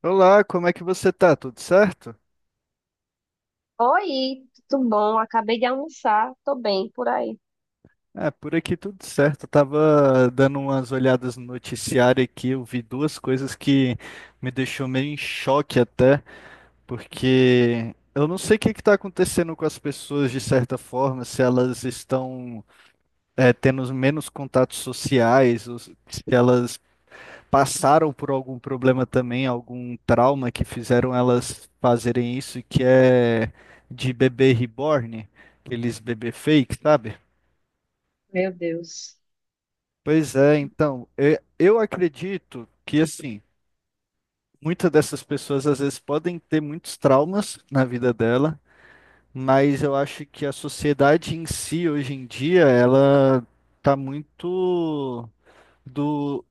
Olá, como é que você tá? Tudo certo? Oi, tudo bom? Acabei de almoçar, tô bem por aí. Ah, por aqui tudo certo. Eu tava dando umas olhadas no noticiário aqui, eu vi duas coisas que me deixou meio em choque até, porque eu não sei o que que tá acontecendo com as pessoas de certa forma, se elas estão tendo menos contatos sociais, ou se elas passaram por algum problema também, algum trauma que fizeram elas fazerem isso, que é de bebê reborn, aqueles bebê fake, sabe? Meu Deus. Pois é, então, eu acredito que assim, muitas dessas pessoas às vezes podem ter muitos traumas na vida dela, mas eu acho que a sociedade em si hoje em dia, ela tá muito do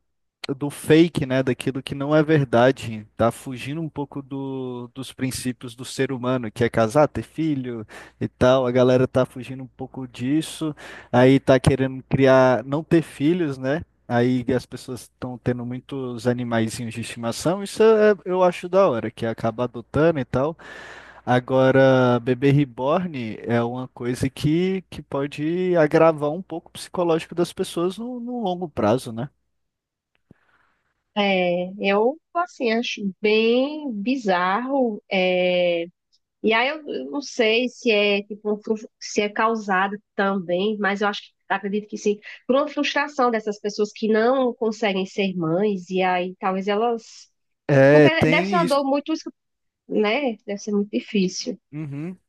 do fake, né? Daquilo que não é verdade. Tá fugindo um pouco dos princípios do ser humano, que é casar, ter filho e tal. A galera tá fugindo um pouco disso. Aí tá querendo criar, não ter filhos, né? Aí as pessoas estão tendo muitos animaizinhos de estimação. Eu acho da hora, que acaba adotando e tal. Agora, bebê reborn é uma coisa que pode agravar um pouco o psicológico das pessoas no longo prazo, né? É, eu, assim, acho bem bizarro. E aí eu não sei se é, tipo, se é causado também, mas eu acho, acredito que sim, por uma frustração dessas pessoas que não conseguem ser mães, e aí talvez elas... Porque É, deve ser tem uma isso. dor muito, né? Deve ser muito difícil. Uhum.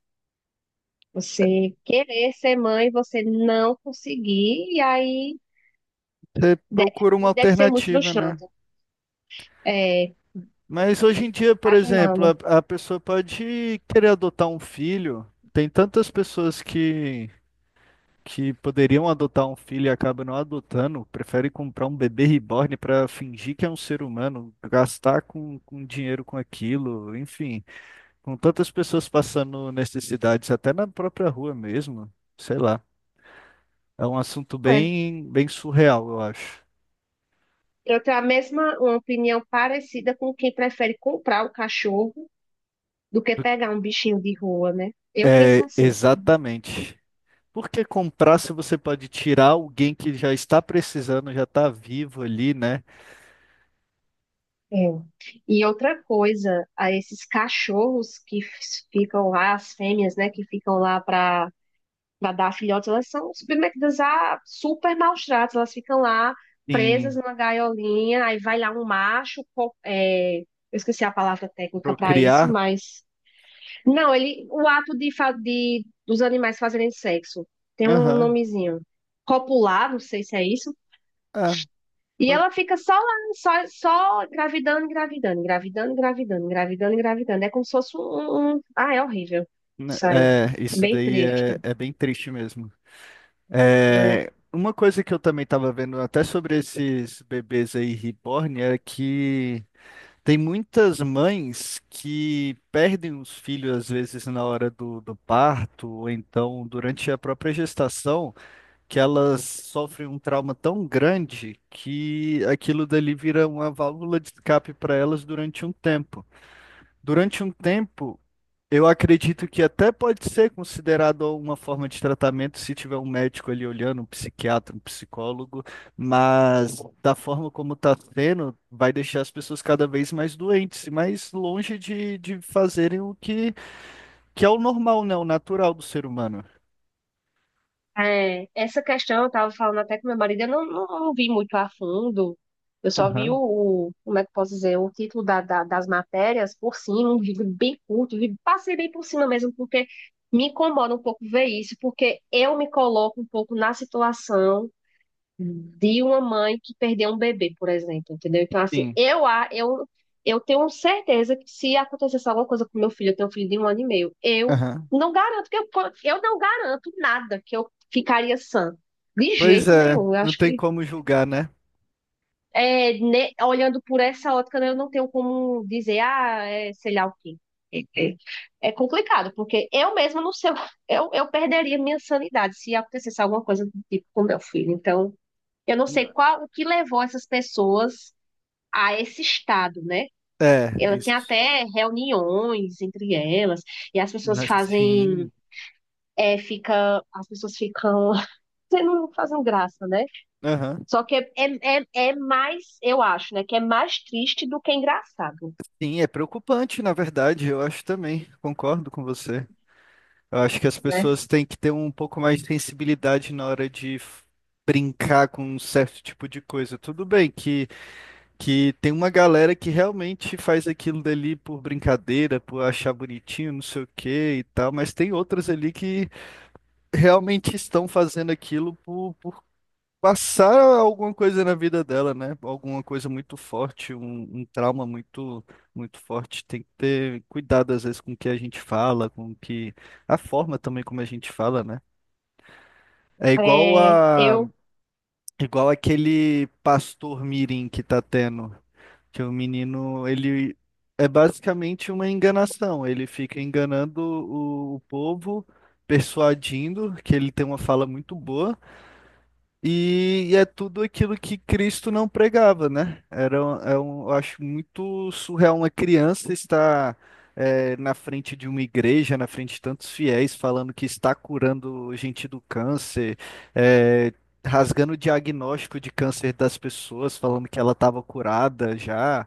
Você querer ser mãe, você não conseguir, e aí Você De- procura uma deve ser muito alternativa, né? frustrante. É, Mas hoje em dia, por exemplo, imaginando. A pessoa pode querer adotar um filho. Tem tantas pessoas que poderiam adotar um filho e acabam não adotando, prefere comprar um bebê reborn para fingir que é um ser humano, gastar com dinheiro com aquilo, enfim. Com tantas pessoas passando necessidades, até na própria rua mesmo, sei lá. É um assunto É. bem, bem surreal, eu acho. Eu tenho a mesma uma opinião parecida com quem prefere comprar o cachorro do que pegar um bichinho de rua, né? Eu penso É, assim. Exatamente. Porque comprar se você pode tirar alguém que já está precisando, já está vivo ali, né? É. E outra coisa, a esses cachorros que ficam lá, as fêmeas, né, que ficam lá para dar filhotes, elas são submetidas a super maus tratos. Elas ficam lá presas Em numa gaiolinha, aí vai lá um macho, eu esqueci a palavra técnica para isso, procriar. mas não, ele, o ato de dos animais fazerem sexo tem um Aham. nomezinho, copular, não sei se é isso. É, E pode- ela fica só lá, só, engravidando, engravidando, engravidando, engravidando, engravidando, engravidando. É como se fosse um... Ah, é horrível. né, Isso aí. é, isso Bem daí triste. É bem triste mesmo. Né? É, uma coisa que eu também estava vendo até sobre esses bebês aí reborn é que tem muitas mães que perdem os filhos às vezes na hora do parto, ou então durante a própria gestação. Que elas sofrem um trauma tão grande que aquilo dali vira uma válvula de escape para elas durante um tempo. Durante um tempo, eu acredito que até pode ser considerado uma forma de tratamento se tiver um médico ali olhando, um psiquiatra, um psicólogo, mas da forma como está sendo, vai deixar as pessoas cada vez mais doentes e mais longe de fazerem o que, que é o normal, né? O natural do ser humano. É, essa questão eu tava falando até com meu marido, eu não vi muito a fundo. Eu só vi Aham, como é que eu posso dizer, o título das matérias por cima, um vídeo bem curto, passei bem por cima mesmo, porque me incomoda um pouco ver isso, porque eu me coloco um pouco na situação de uma mãe que perdeu um bebê, por exemplo, entendeu? Então, assim, sim. eu tenho certeza que se acontecesse alguma coisa com meu filho, eu tenho um filho de um ano e meio, eu Aham. não garanto que eu não garanto nada que eu ficaria sã. De Pois jeito é, nenhum. Eu não acho tem que como julgar, né? é, né, olhando por essa ótica, né, eu não tenho como dizer, ah, é, sei lá o quê. É, é- é complicado, porque eu mesma não sei, eu perderia minha sanidade se acontecesse alguma coisa do tipo com meu filho. Então, eu não sei qual o que levou essas pessoas a esse estado, né? É, Ela tem isso. até reuniões entre elas, e as pessoas Mas, fazem, sim. As pessoas ficam, não fazem graça, né? Aham. Só que é mais, eu acho, né? Que é mais triste do que engraçado, Sim, é preocupante, na verdade, eu acho também, concordo com você. Eu acho que as né? pessoas têm que ter um pouco mais de sensibilidade na hora de brincar com um certo tipo de coisa. Tudo bem que tem uma galera que realmente faz aquilo dali por brincadeira, por achar bonitinho, não sei o quê e tal, mas tem outras ali que realmente estão fazendo aquilo por passar alguma coisa na vida dela, né? Alguma coisa muito forte, um trauma muito, muito forte. Tem que ter cuidado, às vezes, com o que a gente fala, com o que a forma também como a gente fala, né? É igual É, a, eu igual aquele pastor mirim que tá tendo, que o menino, ele é basicamente uma enganação. Ele fica enganando o povo, persuadindo que ele tem uma fala muito boa. E é tudo aquilo que Cristo não pregava, né? Era, um- é um, eu acho muito surreal uma criança estar na frente de uma igreja, na frente de tantos fiéis, falando que está curando gente do câncer, é, rasgando o diagnóstico de câncer das pessoas, falando que ela estava curada já.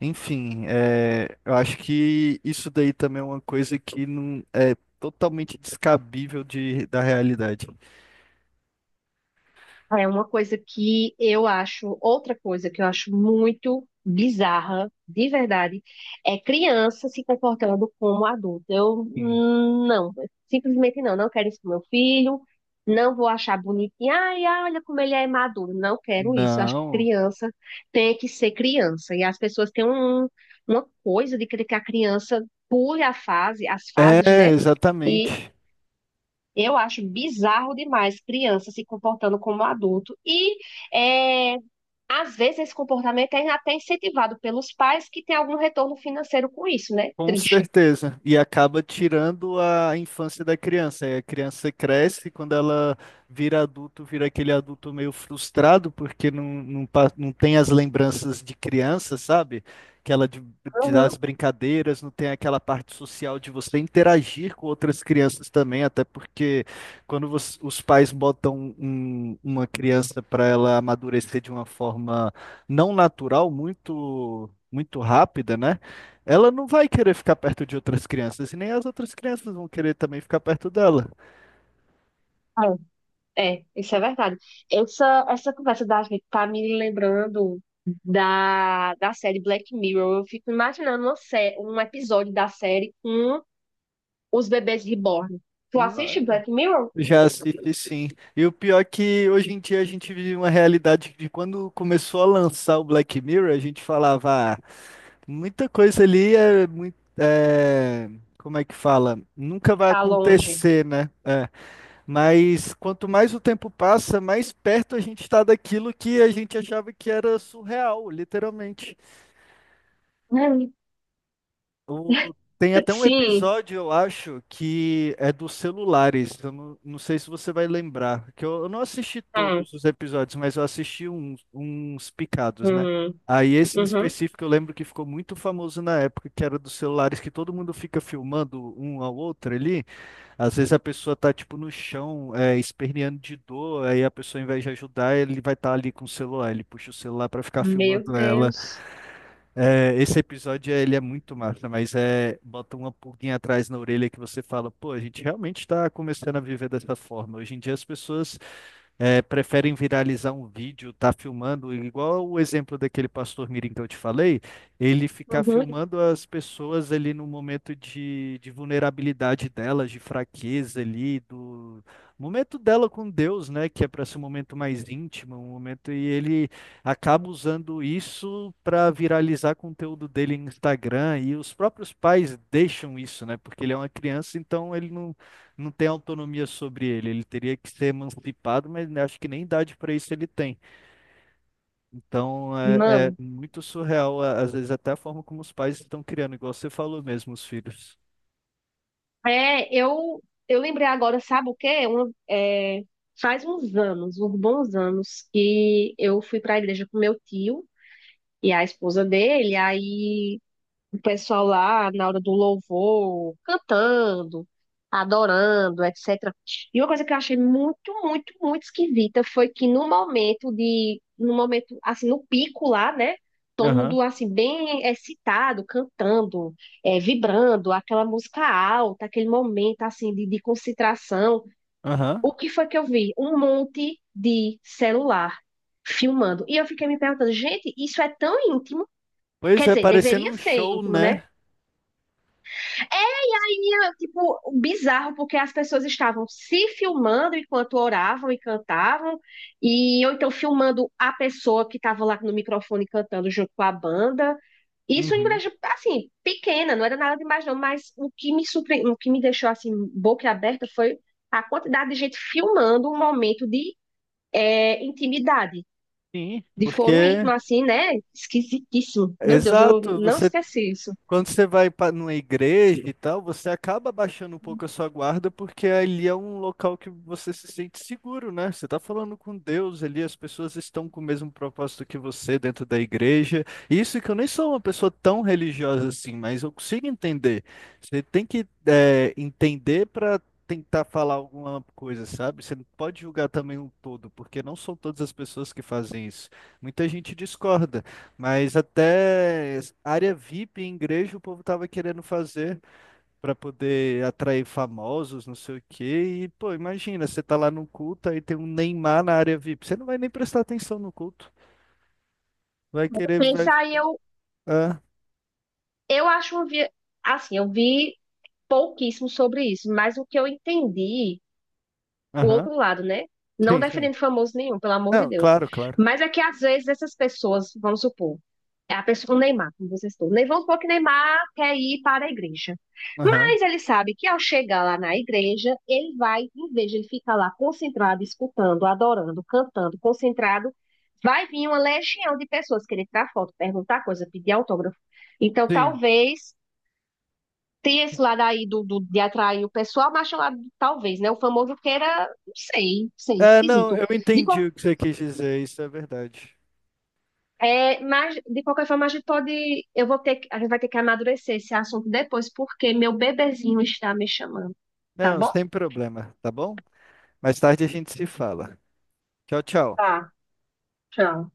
Enfim, é, eu acho que isso daí também é uma coisa que não é totalmente descabível da realidade. É uma coisa que eu acho, outra coisa que eu acho muito bizarra, de verdade, é criança se comportando como adulto. Eu Sim. Não, simplesmente não quero isso pro meu filho, não vou achar bonitinho, ai, ai, olha como ele é maduro, não quero isso. Eu acho que Não. criança tem que ser criança. E as pessoas têm uma coisa de querer que a criança pule a fase, as fases, É, né? E exatamente. eu acho bizarro demais criança se comportando como adulto. E é, às vezes esse comportamento é até incentivado pelos pais que têm algum retorno financeiro com isso, né? Com Triste. certeza. E acaba tirando a infância da criança. Aí a criança cresce, quando ela vira adulto, vira aquele adulto meio frustrado, porque não tem as lembranças de criança, sabe? Aquela de, de dar as Uhum. brincadeiras, não tem aquela parte social de você interagir com outras crianças também, até porque os pais botam uma criança para ela amadurecer de uma forma não natural, muito, muito rápida, né? Ela não vai querer ficar perto de outras crianças, e nem as outras crianças vão querer também ficar perto dela. É, é, isso é verdade. Essa conversa da gente tá me lembrando da série Black Mirror. Eu fico imaginando um episódio da série com os bebês reborn. Tu assiste Não. Black Mirror? Já assisti sim. E o pior é que hoje em dia a gente vive uma realidade de quando começou a lançar o Black Mirror, a gente falava, ah, muita coisa ali é muito. É, como é que fala? Nunca vai Tá longe. acontecer, né? É, mas quanto mais o tempo passa, mais perto a gente está daquilo que a gente achava que era surreal, literalmente. É. Tem até um Sim. episódio, eu acho, que é dos celulares. Eu não, não sei se você vai lembrar, que eu não assisti Hum, todos os episódios, mas eu assisti uns, uns picados, né? hum, Aí esse em uhum. específico eu lembro que ficou muito famoso na época, que era dos celulares, que todo mundo fica filmando um ao outro ali. Às vezes a pessoa tá, tipo, no chão, é, esperneando de dor, aí a pessoa, ao invés de ajudar, ele vai estar ali com o celular, ele puxa o celular para ficar Meu filmando ela. Deus. É, esse episódio ele é muito massa, mas é bota uma pulguinha atrás na orelha que você fala, pô, a gente realmente está começando a viver dessa forma. Hoje em dia as pessoas preferem viralizar um vídeo, tá filmando, igual o exemplo daquele pastor Mirim que eu te falei, ele ficar Uhum. filmando as pessoas ali no momento de vulnerabilidade delas, de fraqueza ali, do momento dela com Deus, né, que é para ser um momento mais íntimo, um momento, e ele acaba usando isso para viralizar conteúdo dele no Instagram, e os próprios pais deixam isso, né, porque ele é uma criança, então ele não tem autonomia sobre ele. Ele teria que ser emancipado, mas né, acho que nem idade para isso ele tem. Então é, é Mano, muito surreal, às vezes, até a forma como os pais estão criando, igual você falou mesmo, os filhos. é, eu, eu lembrei agora, sabe o quê? Faz uns anos, uns bons anos, que eu fui para a igreja com meu tio e a esposa dele, aí o pessoal lá na hora do louvor, cantando, adorando, etc. E uma coisa que eu achei muito, muito, muito esquisita foi que no momento, assim, no pico lá, né? Todo Aham, mundo, assim, bem excitado, cantando, vibrando, aquela música alta, aquele momento, assim, de concentração. aham. O que foi que eu vi? Um monte de celular filmando. E eu fiquei me perguntando, gente, isso é tão íntimo? Pois Quer é, dizer, parecendo deveria um ser show, íntimo, né? né? E, tipo, bizarro, porque as pessoas estavam se filmando enquanto oravam e cantavam, e ou então filmando a pessoa que estava lá no microfone cantando junto com a banda. Isso em Uhum. igreja, assim, pequena, não era nada demais não, mas o que me deixou, assim, boca aberta foi a quantidade de gente filmando um momento de intimidade, Sim. de foro íntimo, Porque, assim, né? Esquisitíssimo. Meu Deus, eu exato, não você esqueci isso. Quando você vai para numa igreja e tal, você acaba baixando um pouco a sua guarda, porque ali é um local que você se sente seguro, né? Você está falando com Deus ali, as pessoas estão com o mesmo propósito que você dentro da igreja. Isso que eu nem sou uma pessoa tão religiosa assim, mas eu consigo entender. Você tem entender para tentar falar alguma coisa, sabe? Você não pode julgar também um todo, porque não são todas as pessoas que fazem isso. Muita gente discorda. Mas até área VIP em igreja o povo tava querendo fazer para poder atrair famosos, não sei o quê. E, pô, imagina, você tá lá no culto, aí tem um Neymar na área VIP. Você não vai nem prestar atenção no culto. Vai querer, vai. Pensa aí, eu, Ah, eu acho assim, eu vi pouquíssimo sobre isso, mas o que eu entendi, o aham. outro lado, né? Não Sim, sim. defendendo famoso nenhum, pelo amor de Não, Deus. claro, claro. Mas é que às vezes essas pessoas, vamos supor, é a pessoa, o Neymar, como vocês estão, nem vamos supor que Neymar quer ir para a igreja. Aham. Mas ele sabe que ao chegar lá na igreja, ele vai, em vez de ele ficar lá concentrado, escutando, adorando, cantando, concentrado, vai vir uma legião de pessoas querer tirar foto, perguntar coisa, pedir autógrafo. Então, Sim. talvez tem esse lado aí de atrair o pessoal, mas tem o lado, talvez, né? O famoso queira, não sei, não sei, É, não, esquisito. eu De, entendi qual- o que você quis dizer, isso é verdade. Mas, de qualquer forma, a gente pode. Eu vou ter, que- a gente vai ter que amadurecer esse assunto depois, porque meu bebezinho está me chamando, tá Não, bom? sem problema, tá bom? Mais tarde a gente se fala. Tchau, tchau. Tá, tchau.